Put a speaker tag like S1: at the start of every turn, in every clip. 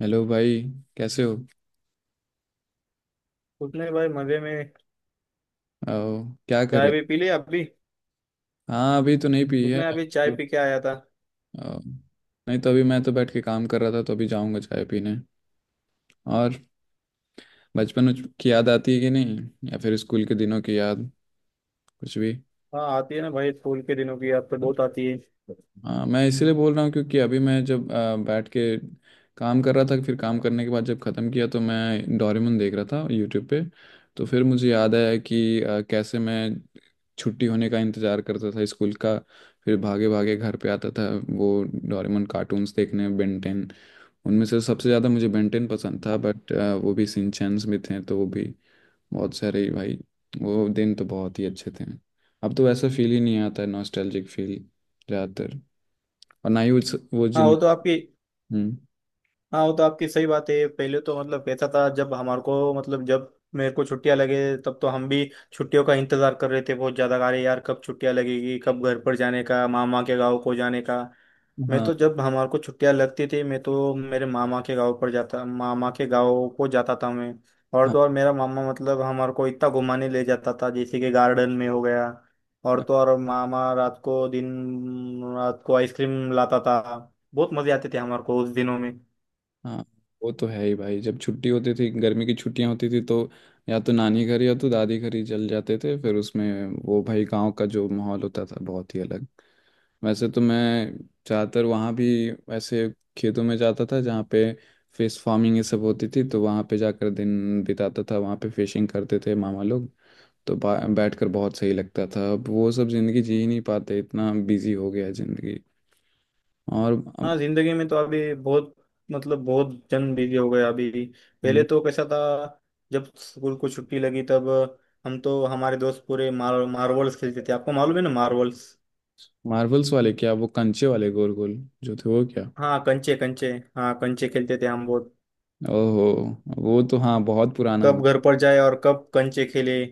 S1: Hello भाई। कैसे हो?
S2: कुछ नहीं भाई, मजे में।
S1: आओ, क्या कर
S2: चाय
S1: रहे?
S2: भी पी ली अभी।
S1: हाँ अभी तो नहीं पी
S2: कुछ
S1: है।
S2: नहीं, अभी चाय पी के आया था।
S1: आओ, नहीं तो अभी मैं तो बैठ के काम कर रहा था तो अभी जाऊंगा चाय पीने। और बचपन की याद आती है कि नहीं, या फिर स्कूल के दिनों की याद, कुछ भी।
S2: हाँ, आती है ना भाई, स्कूल के दिनों की याद तो बहुत आती है।
S1: हाँ मैं इसीलिए बोल रहा हूँ क्योंकि अभी मैं जब बैठ के काम कर रहा था, फिर काम करने के बाद जब ख़त्म किया तो मैं डोरेमोन देख रहा था यूट्यूब पे। तो फिर मुझे याद आया कि कैसे मैं छुट्टी होने का इंतज़ार करता था स्कूल का। फिर भागे भागे घर पे आता था, वो डोरेमोन कार्टून्स देखने, बेंटेन। उनमें से सबसे ज़्यादा मुझे बेंटेन पसंद था, बट वो भी सिंचैंस भी थे तो वो भी बहुत सारे ही भाई। वो दिन तो बहुत ही अच्छे थे। अब तो वैसा फील ही नहीं आता है नॉस्टैल्जिक फील ज़्यादातर। और ना ही उस वो
S2: हाँ
S1: जिन।
S2: वो तो आपकी
S1: हम्म।
S2: हाँ, वो तो आपकी सही बात है। पहले तो मतलब कैसा था, जब मेरे को छुट्टियां लगे तब तो हम भी छुट्टियों का इंतजार कर रहे थे बहुत ज्यादा। अरे यार, कब छुट्टियां लगेगी, कब घर पर जाने का, मामा के गाँव को जाने का। मैं
S1: हाँ
S2: तो जब हमारे को छुट्टियां लगती थी, मैं तो मेरे मामा के गाँव पर जाता, मामा के गाँव को जाता था मैं। और
S1: हाँ।
S2: तो और मेरा मामा मतलब हमारे को इतना घुमाने ले जाता था, जैसे कि गार्डन में हो गया। और तो और मामा रात को, दिन रात को आइसक्रीम लाता था। बहुत मजे आते थे हमारे को उस दिनों में।
S1: हाँ वो तो है ही भाई, जब छुट्टी होती थी गर्मी की छुट्टियां होती थी तो या तो नानी घर या तो दादी घर ही चल जाते थे। फिर उसमें वो भाई गांव का जो माहौल होता था बहुत ही अलग। वैसे तो मैं ज़्यादातर वहाँ भी ऐसे खेतों में जाता था जहाँ पे फिश फार्मिंग ये सब होती थी, तो वहाँ पे जाकर दिन बिताता था। वहाँ पे फिशिंग करते थे मामा लोग, तो बैठकर बहुत सही लगता था। अब वो सब ज़िंदगी जी ही नहीं पाते, इतना बिजी हो गया है ज़िंदगी। और
S2: हाँ, जिंदगी में तो अभी बहुत, मतलब बहुत जन बिजी हो गए अभी। पहले तो कैसा था। जब स्कूल को छुट्टी लगी तब हम तो हमारे दोस्त पूरे मार्वल्स खेलते थे। आपको मालूम है ना, मार्वल्स।
S1: मार्वल्स वाले क्या, वो कंचे वाले गोल गोल जो थे वो क्या?
S2: हाँ, कंचे कंचे। हाँ, कंचे खेलते थे हम बहुत।
S1: ओहो, वो तो हाँ बहुत पुराना हो
S2: कब
S1: गया।
S2: घर पर जाए और कब कंचे खेले।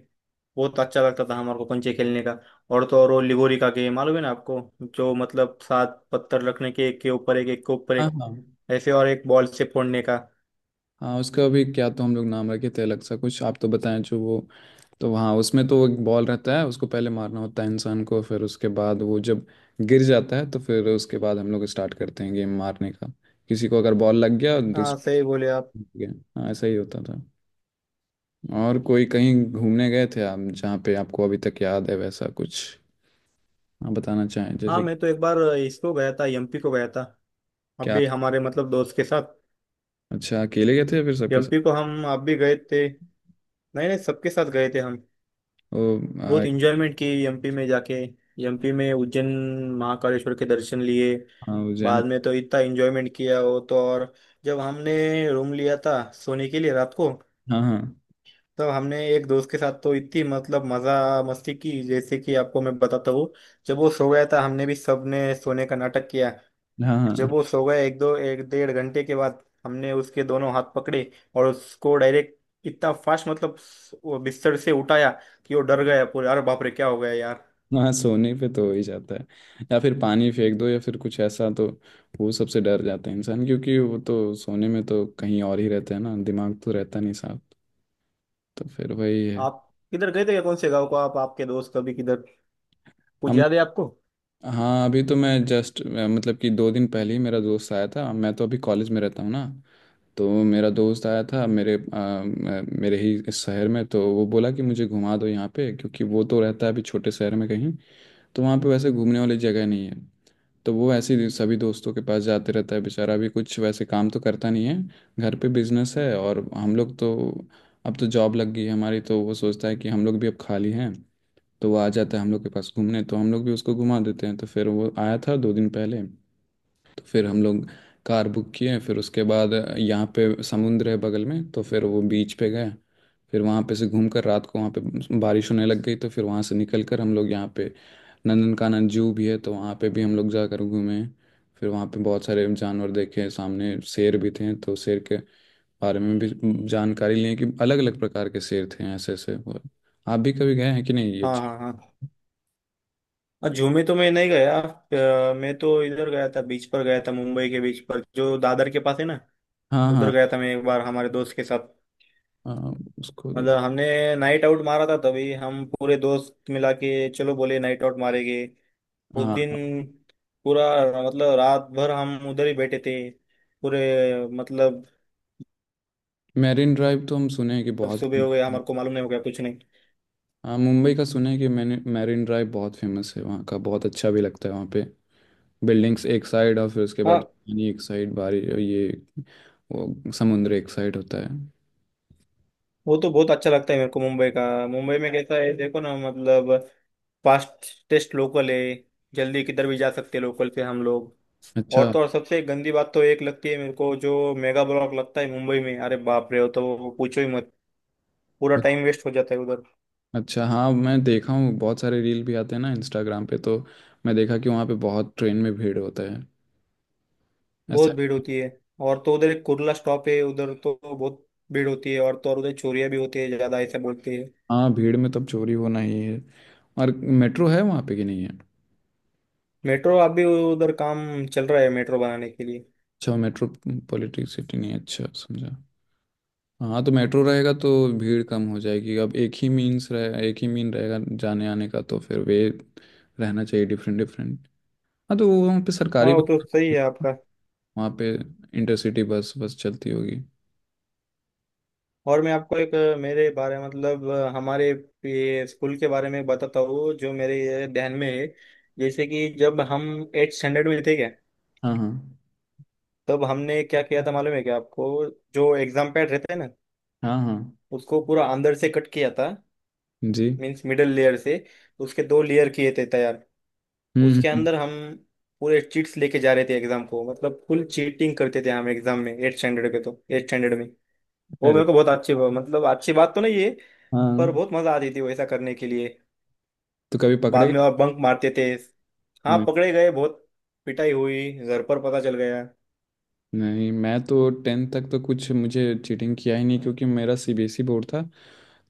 S2: बहुत अच्छा लगता था हमारे को कंचे खेलने का। और तो और वो लिगोरी का गेम मालूम है ना आपको, जो मतलब 7 पत्थर रखने के, एक के ऊपर एक, एक के ऊपर
S1: हाँ
S2: एक,
S1: हाँ।
S2: ऐसे, और एक बॉल से फोड़ने का।
S1: हाँ उसका अभी क्या, तो हम लोग नाम रखे थे अलग सा कुछ, आप तो बताएं जो वो। तो हाँ, उसमें तो एक बॉल रहता है, उसको पहले मारना होता है इंसान को, फिर उसके बाद वो जब गिर जाता है तो फिर उसके बाद हम लोग स्टार्ट करते हैं गेम मारने का। किसी को अगर बॉल लग गया,
S2: हाँ,
S1: दूसरे
S2: सही बोले आप।
S1: को लग गया, हाँ ऐसा ही होता था। और कोई कहीं घूमने गए थे आप, जहाँ पे आपको अभी तक याद है वैसा कुछ आप बताना चाहें
S2: हाँ,
S1: जैसे?
S2: मैं तो एक बार इसको गया था, एमपी को गया था। अब
S1: क्या?
S2: भी हमारे मतलब दोस्त के साथ।
S1: अच्छा, अकेले गए थे या फिर सबके साथ?
S2: एमपी को हम आप भी गए थे। नहीं नहीं, सबके साथ गए थे हम।
S1: ओ।
S2: बहुत
S1: आई।
S2: इंजॉयमेंट की एमपी में जाके। एमपी में उज्जैन, महाकालेश्वर के दर्शन लिए।
S1: हाँ वो जैन।
S2: बाद में तो इतना इंजॉयमेंट किया, वो तो और। जब हमने रूम लिया था सोने के लिए रात को,
S1: हाँ हाँ
S2: तब हमने एक दोस्त के साथ तो इतनी मतलब मजा मस्ती की, जैसे कि आपको मैं बताता हूँ। जब वो सो गया था, हमने भी, सबने सोने का नाटक किया।
S1: हाँ।
S2: जब
S1: हाँ,
S2: वो सो गए, एक दो, एक डेढ़ घंटे के बाद हमने उसके दोनों हाथ पकड़े और उसको डायरेक्ट इतना फास्ट, मतलब वो बिस्तर से उठाया, कि वो डर गया पूरे। अरे बाप रे, क्या हो गया यार।
S1: हाँ सोने पे तो हो ही जाता है, या फिर पानी फेंक दो या फिर कुछ ऐसा तो वो सबसे डर जाता है इंसान, क्योंकि वो तो सोने में तो कहीं और ही रहता है ना, दिमाग तो रहता नहीं साफ, तो फिर वही है।
S2: आप किधर गए थे, क्या कौन से गांव को, आप आपके दोस्त कभी किधर, कुछ
S1: हम।
S2: याद है आपको।
S1: हाँ अभी तो मैं जस्ट मतलब कि दो दिन पहले ही मेरा दोस्त आया था, मैं तो अभी कॉलेज में रहता हूँ ना। तो मेरा दोस्त आया था मेरे ही इस शहर में, तो वो बोला कि मुझे घुमा दो यहाँ पे, क्योंकि वो तो रहता है अभी छोटे शहर में कहीं, तो वहाँ पे वैसे घूमने वाली जगह नहीं है। तो वो ऐसे ही सभी दोस्तों के पास जाते रहता है बेचारा, भी कुछ वैसे काम तो करता नहीं है, घर पे बिजनेस है। और हम लोग तो अब तो जॉब लग गई है हमारी, तो वो सोचता है कि हम लोग भी अब खाली हैं तो वो आ जाता है हम लोग के पास घूमने, तो हम लोग भी उसको घुमा देते हैं। तो फिर वो आया था दो दिन पहले, फिर हम लोग कार बुक किए। फिर उसके बाद यहाँ पे समुंदर है बगल में तो फिर वो बीच पे गए। फिर वहाँ पे से घूम कर रात को वहाँ पे बारिश होने लग गई, तो फिर वहाँ से निकल कर हम लोग यहाँ पे नंदनकानन जू भी है तो वहाँ पे भी हम लोग जाकर घूमे। फिर वहाँ पे बहुत सारे जानवर देखे, सामने शेर भी थे तो शेर के बारे में भी जानकारी लें कि अलग अलग प्रकार के शेर थे ऐसे ऐसे। और आप भी कभी गए हैं कि नहीं ये
S2: हाँ
S1: चीज़?
S2: हाँ हाँ। जू में तो मैं नहीं गया। मैं तो इधर गया था, बीच पर गया था, मुंबई के बीच पर जो दादर के पास है ना।
S1: हाँ
S2: उधर
S1: हाँ
S2: गया था मैं एक बार हमारे दोस्त के साथ।
S1: हाँ, उसको तो
S2: मतलब हमने नाइट आउट मारा था, तभी हम पूरे दोस्त मिला के चलो बोले नाइट आउट मारेंगे। उस दिन
S1: हाँ।
S2: पूरा, मतलब रात भर हम उधर ही बैठे थे पूरे, मतलब
S1: मैरिन ड्राइव तो हम सुने हैं कि
S2: अब
S1: बहुत।
S2: सुबह हो गया हमारे को मालूम नहीं, हो गया कुछ नहीं।
S1: हाँ मुंबई का सुना है कि मैंने, मैरिन ड्राइव बहुत फेमस है वहाँ का, बहुत अच्छा भी लगता है वहाँ पे, बिल्डिंग्स एक साइड और फिर उसके बाद
S2: हाँ,
S1: पानी एक साइड बारी, ये वो समुद्र एक साइड होता है।
S2: वो तो बहुत अच्छा लगता है मेरे को मुंबई का। मुंबई में कैसा है देखो ना, मतलब फास्टेस्ट लोकल है। जल्दी किधर भी जा सकते हैं लोकल से हम लोग। और
S1: अच्छा।
S2: तो और, सबसे गंदी बात तो एक लगती है मेरे को, जो मेगा ब्लॉक लगता है मुंबई में। अरे बाप रे, वो तो पूछो ही मत। पूरा
S1: उ-
S2: टाइम वेस्ट हो जाता है उधर।
S1: अच्छा हाँ मैं देखा हूँ बहुत सारे रील भी आते हैं ना इंस्टाग्राम पे, तो मैं देखा कि वहाँ पे बहुत ट्रेन में भीड़ होता है ऐसा।
S2: बहुत भीड़ होती है। और तो उधर एक कुर्ला स्टॉप है, उधर तो बहुत भीड़ होती है। और तो और उधर चोरियां भी होती है ज्यादा, ऐसा बोलते हैं।
S1: हाँ भीड़ में तब चोरी होना ही है। और मेट्रो है वहाँ पे कि नहीं है?
S2: मेट्रो आप भी उधर काम चल रहा है, मेट्रो बनाने के लिए।
S1: अच्छा मेट्रो पॉलिटिक सिटी नहीं है, अच्छा समझा। हाँ तो मेट्रो रहेगा तो भीड़ कम हो जाएगी। अब एक ही मीन रहेगा जाने आने का, तो फिर वे रहना चाहिए डिफरेंट डिफरेंट। हाँ तो वो वहाँ पे
S2: हाँ,
S1: सरकारी
S2: वो
S1: बस,
S2: तो सही है आपका।
S1: वहाँ पे इंटरसिटी बस बस चलती होगी।
S2: और मैं आपको एक मेरे बारे, मतलब हमारे ये स्कूल के बारे में बताता हूँ, जो मेरे ये ध्यान में है। जैसे कि जब हम 8 स्टैंडर्ड में थे क्या,
S1: हाँ हाँ।
S2: तब हमने क्या किया था मालूम है क्या आपको। जो एग्जाम पैड रहता है ना,
S1: हाँ हाँ।
S2: उसको पूरा अंदर से कट किया था।
S1: जी।
S2: मीन्स मिडल लेयर से उसके दो लेयर किए थे तैयार।
S1: हम्म हम्म,
S2: उसके
S1: हम्म।
S2: अंदर हम पूरे चीट्स लेके जा रहे थे एग्जाम को। मतलब फुल चीटिंग करते थे हम एग्जाम में 8 स्टैंडर्ड पे। तो 8 स्टैंडर्ड में वो
S1: अरे।
S2: मेरे को बहुत अच्छी, मतलब अच्छी बात तो नहीं है, पर
S1: हाँ।
S2: बहुत मजा आती थी वैसा करने के लिए।
S1: तो कभी
S2: बाद
S1: पकड़े?
S2: में और बंक मारते थे। हाँ,
S1: नहीं
S2: पकड़े गए बहुत, पिटाई हुई, घर पर पता चल गया।
S1: नहीं, मैं तो टेंथ तक तो कुछ मुझे चीटिंग किया ही नहीं, क्योंकि मेरा सीबीएसई बोर्ड था।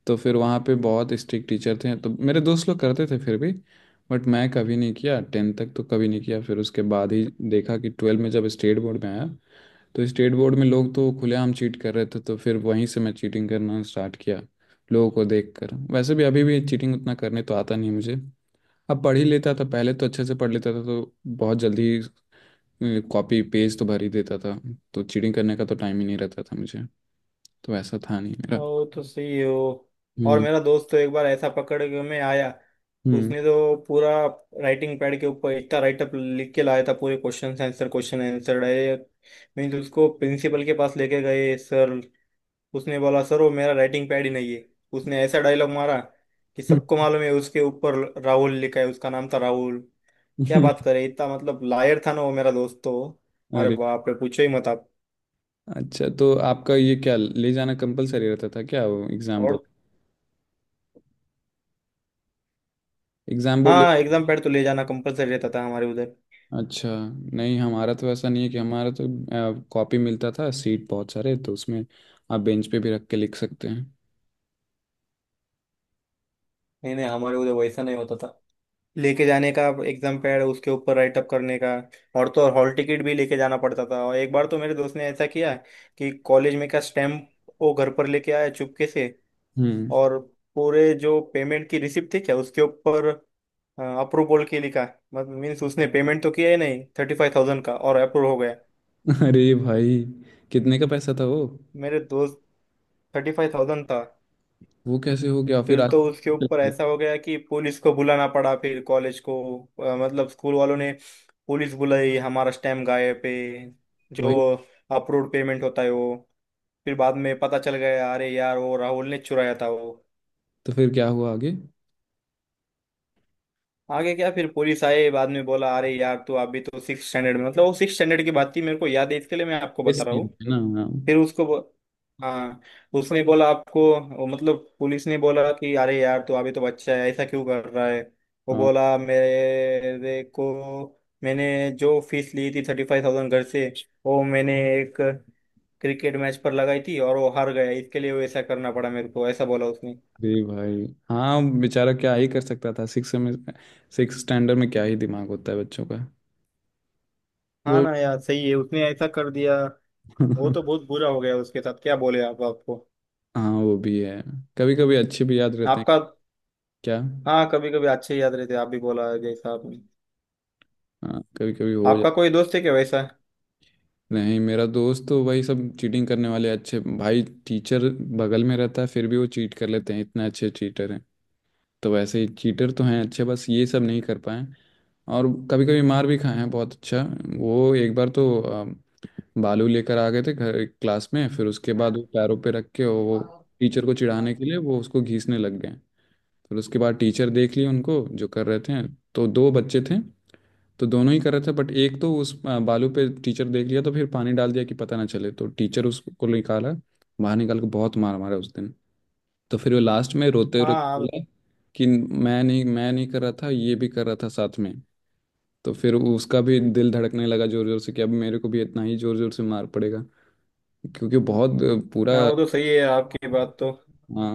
S1: तो फिर वहाँ पे बहुत स्ट्रिक्ट टीचर थे, तो मेरे दोस्त लोग करते थे फिर भी, बट मैं कभी नहीं किया। टेंथ तक तो कभी नहीं किया। फिर उसके बाद ही देखा कि ट्वेल्व में जब स्टेट बोर्ड में आया, तो स्टेट बोर्ड में लोग तो खुलेआम चीट कर रहे थे, तो फिर वहीं से मैं चीटिंग करना स्टार्ट किया लोगों को देख कर। वैसे भी अभी भी चीटिंग उतना करने तो आता नहीं मुझे। अब पढ़ ही लेता था पहले तो, अच्छे से पढ़ लेता था तो बहुत जल्दी कॉपी पेज तो भर ही देता था, तो चीटिंग करने का तो टाइम ही नहीं रहता था मुझे। तो ऐसा था नहीं मेरा।
S2: वो तो सही है वो। और
S1: हम्म।
S2: मेरा दोस्त तो एक बार ऐसा पकड़ के में आया।
S1: हम्म।
S2: उसने तो पूरा राइटिंग पैड के ऊपर इतना राइटअप लिख के लाया था, पूरे question answer, question answer direct. Means उसको प्रिंसिपल के पास लेके गए सर। उसने बोला, सर वो मेरा राइटिंग पैड ही नहीं है। उसने ऐसा डायलॉग मारा, कि सबको मालूम है उसके ऊपर राहुल लिखा है, उसका नाम था राहुल। क्या बात करे, इतना मतलब लायर था ना वो मेरा दोस्त तो। अरे
S1: अरे।
S2: बाप रे, पूछो ही मत आप।
S1: अच्छा तो आपका ये क्या ले जाना कंपलसरी रहता था क्या वो एग्जाम
S2: और
S1: बोर्ड, एग्जाम बोर्ड ले?
S2: हाँ, एग्जाम पैड तो ले जाना कंपलसरी रहता था हमारे उधर।
S1: अच्छा। नहीं हमारा तो ऐसा नहीं है, कि हमारा तो कॉपी मिलता था सीट बहुत सारे, तो उसमें आप बेंच पे भी रख के लिख सकते हैं।
S2: नहीं नहीं, हमारे उधर वैसा नहीं होता था, लेके जाने का, एग्जाम पैड उसके ऊपर राइटअप करने का। और तो और हॉल टिकट भी लेके जाना पड़ता था। और एक बार तो मेरे दोस्त ने ऐसा किया कि कॉलेज में का स्टैम्प वो घर पर लेके आया चुपके से,
S1: हम्म।
S2: और पूरे जो पेमेंट की रिसिप्ट थी क्या उसके ऊपर अप्रूवल के लिखा। मतलब मीन्स उसने पेमेंट तो किया ही नहीं 35,000 का, और अप्रूव हो गया।
S1: अरे भाई! कितने का पैसा था वो?
S2: मेरे दोस्त, 35,000 था।
S1: वो कैसे हो गया फिर
S2: फिर तो
S1: आगे?
S2: उसके ऊपर ऐसा हो गया कि पुलिस को बुलाना पड़ा, फिर कॉलेज को, मतलब स्कूल वालों ने पुलिस बुलाई हमारा स्टैम्प गायब पे, जो
S1: वही।
S2: अप्रूव्ड पेमेंट होता है वो। फिर बाद में पता चल गया, अरे यार, वो राहुल ने चुराया था वो।
S1: तो फिर क्या हुआ आगे?
S2: आगे क्या, फिर पुलिस आए, बाद में बोला अरे यार तू अभी तो 6 स्टैंडर्ड में, मतलब वो 6 स्टैंडर्ड की बात थी, मेरे को याद है, इसके लिए मैं आपको
S1: केस
S2: बता रहा
S1: नहीं
S2: हूँ।
S1: होते ना?
S2: फिर उसको हाँ, उसने बोला आपको, वो मतलब पुलिस ने बोला कि अरे यार तू अभी तो बच्चा है, ऐसा क्यों कर रहा है। वो
S1: हाँ।
S2: बोला मेरे को, मैंने जो फीस ली थी, 35,000 घर से, वो मैंने एक क्रिकेट मैच पर लगाई थी और वो हार गया, इसके लिए वो ऐसा करना पड़ा मेरे को, ऐसा बोला उसने।
S1: अरे भाई! हाँ बेचारा क्या ही कर सकता था सिक्स में, सिक्स स्टैंडर्ड में क्या ही दिमाग होता है बच्चों का।
S2: हाँ
S1: वो।
S2: ना यार, सही है, उसने ऐसा कर दिया। वो तो बहुत बुरा हो गया उसके साथ। क्या बोले आप आपको।
S1: हाँ वो भी है, कभी कभी अच्छे भी याद रहते हैं।
S2: आपका।
S1: क्या?
S2: हाँ, कभी कभी अच्छे याद रहते, आप भी बोला जैसा आपने।
S1: हाँ कभी कभी हो
S2: आपका
S1: जाते
S2: कोई दोस्त है क्या वैसा।
S1: हैं। नहीं मेरा दोस्त तो वही सब चीटिंग करने वाले, अच्छे भाई टीचर बगल में रहता है फिर भी वो चीट कर लेते हैं, इतने अच्छे चीटर हैं। तो वैसे ही चीटर तो हैं अच्छे, बस ये सब नहीं कर पाए। और कभी कभी मार भी खाए हैं बहुत अच्छा। वो एक बार तो बालू लेकर आ गए थे घर क्लास में, फिर उसके बाद वो पैरों पे रख के वो टीचर को चिढ़ाने
S2: हाँ,
S1: के लिए वो उसको घीसने लग गए। फिर उसके बाद टीचर देख लिए उनको जो कर रहे थे, तो दो बच्चे थे तो दोनों ही कर रहे थे, बट एक तो उस बालू पे टीचर देख लिया तो फिर पानी डाल दिया कि पता ना चले, तो टीचर उसको निकाला बाहर, निकाल के बहुत मार मारा उस दिन। तो फिर वो लास्ट में रोते रोते
S2: आप-
S1: बोला कि मैं नहीं, मैं नहीं कर रहा था, ये भी कर रहा था साथ में। तो फिर उसका भी दिल धड़कने लगा जोर जोर से कि अब मेरे को भी इतना ही जोर जोर से मार पड़ेगा, क्योंकि बहुत पूरा।
S2: मैं, वो तो सही है आपकी बात तो।
S1: हाँ।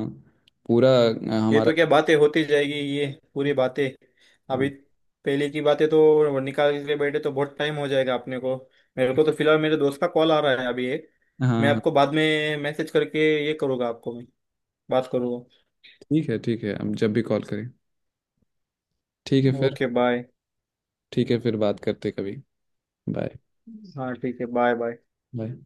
S1: पूरा
S2: ये
S1: हमारा।
S2: तो क्या बातें होती जाएगी ये, पूरी बातें। अभी
S1: हाँ
S2: पहले की बातें तो निकाल के बैठे तो बहुत टाइम हो जाएगा अपने को। मेरे को तो फिलहाल मेरे दोस्त का कॉल आ रहा है अभी एक।
S1: हाँ
S2: मैं
S1: हाँ,
S2: आपको बाद में मैसेज करके ये करूँगा, आपको मैं बात करूँगा।
S1: ठीक है ठीक है, अब जब भी कॉल करें। ठीक है फिर।
S2: Okay bye.
S1: ठीक है फिर बात करते कभी। बाय
S2: हाँ ठीक है, बाय बाय।
S1: बाय।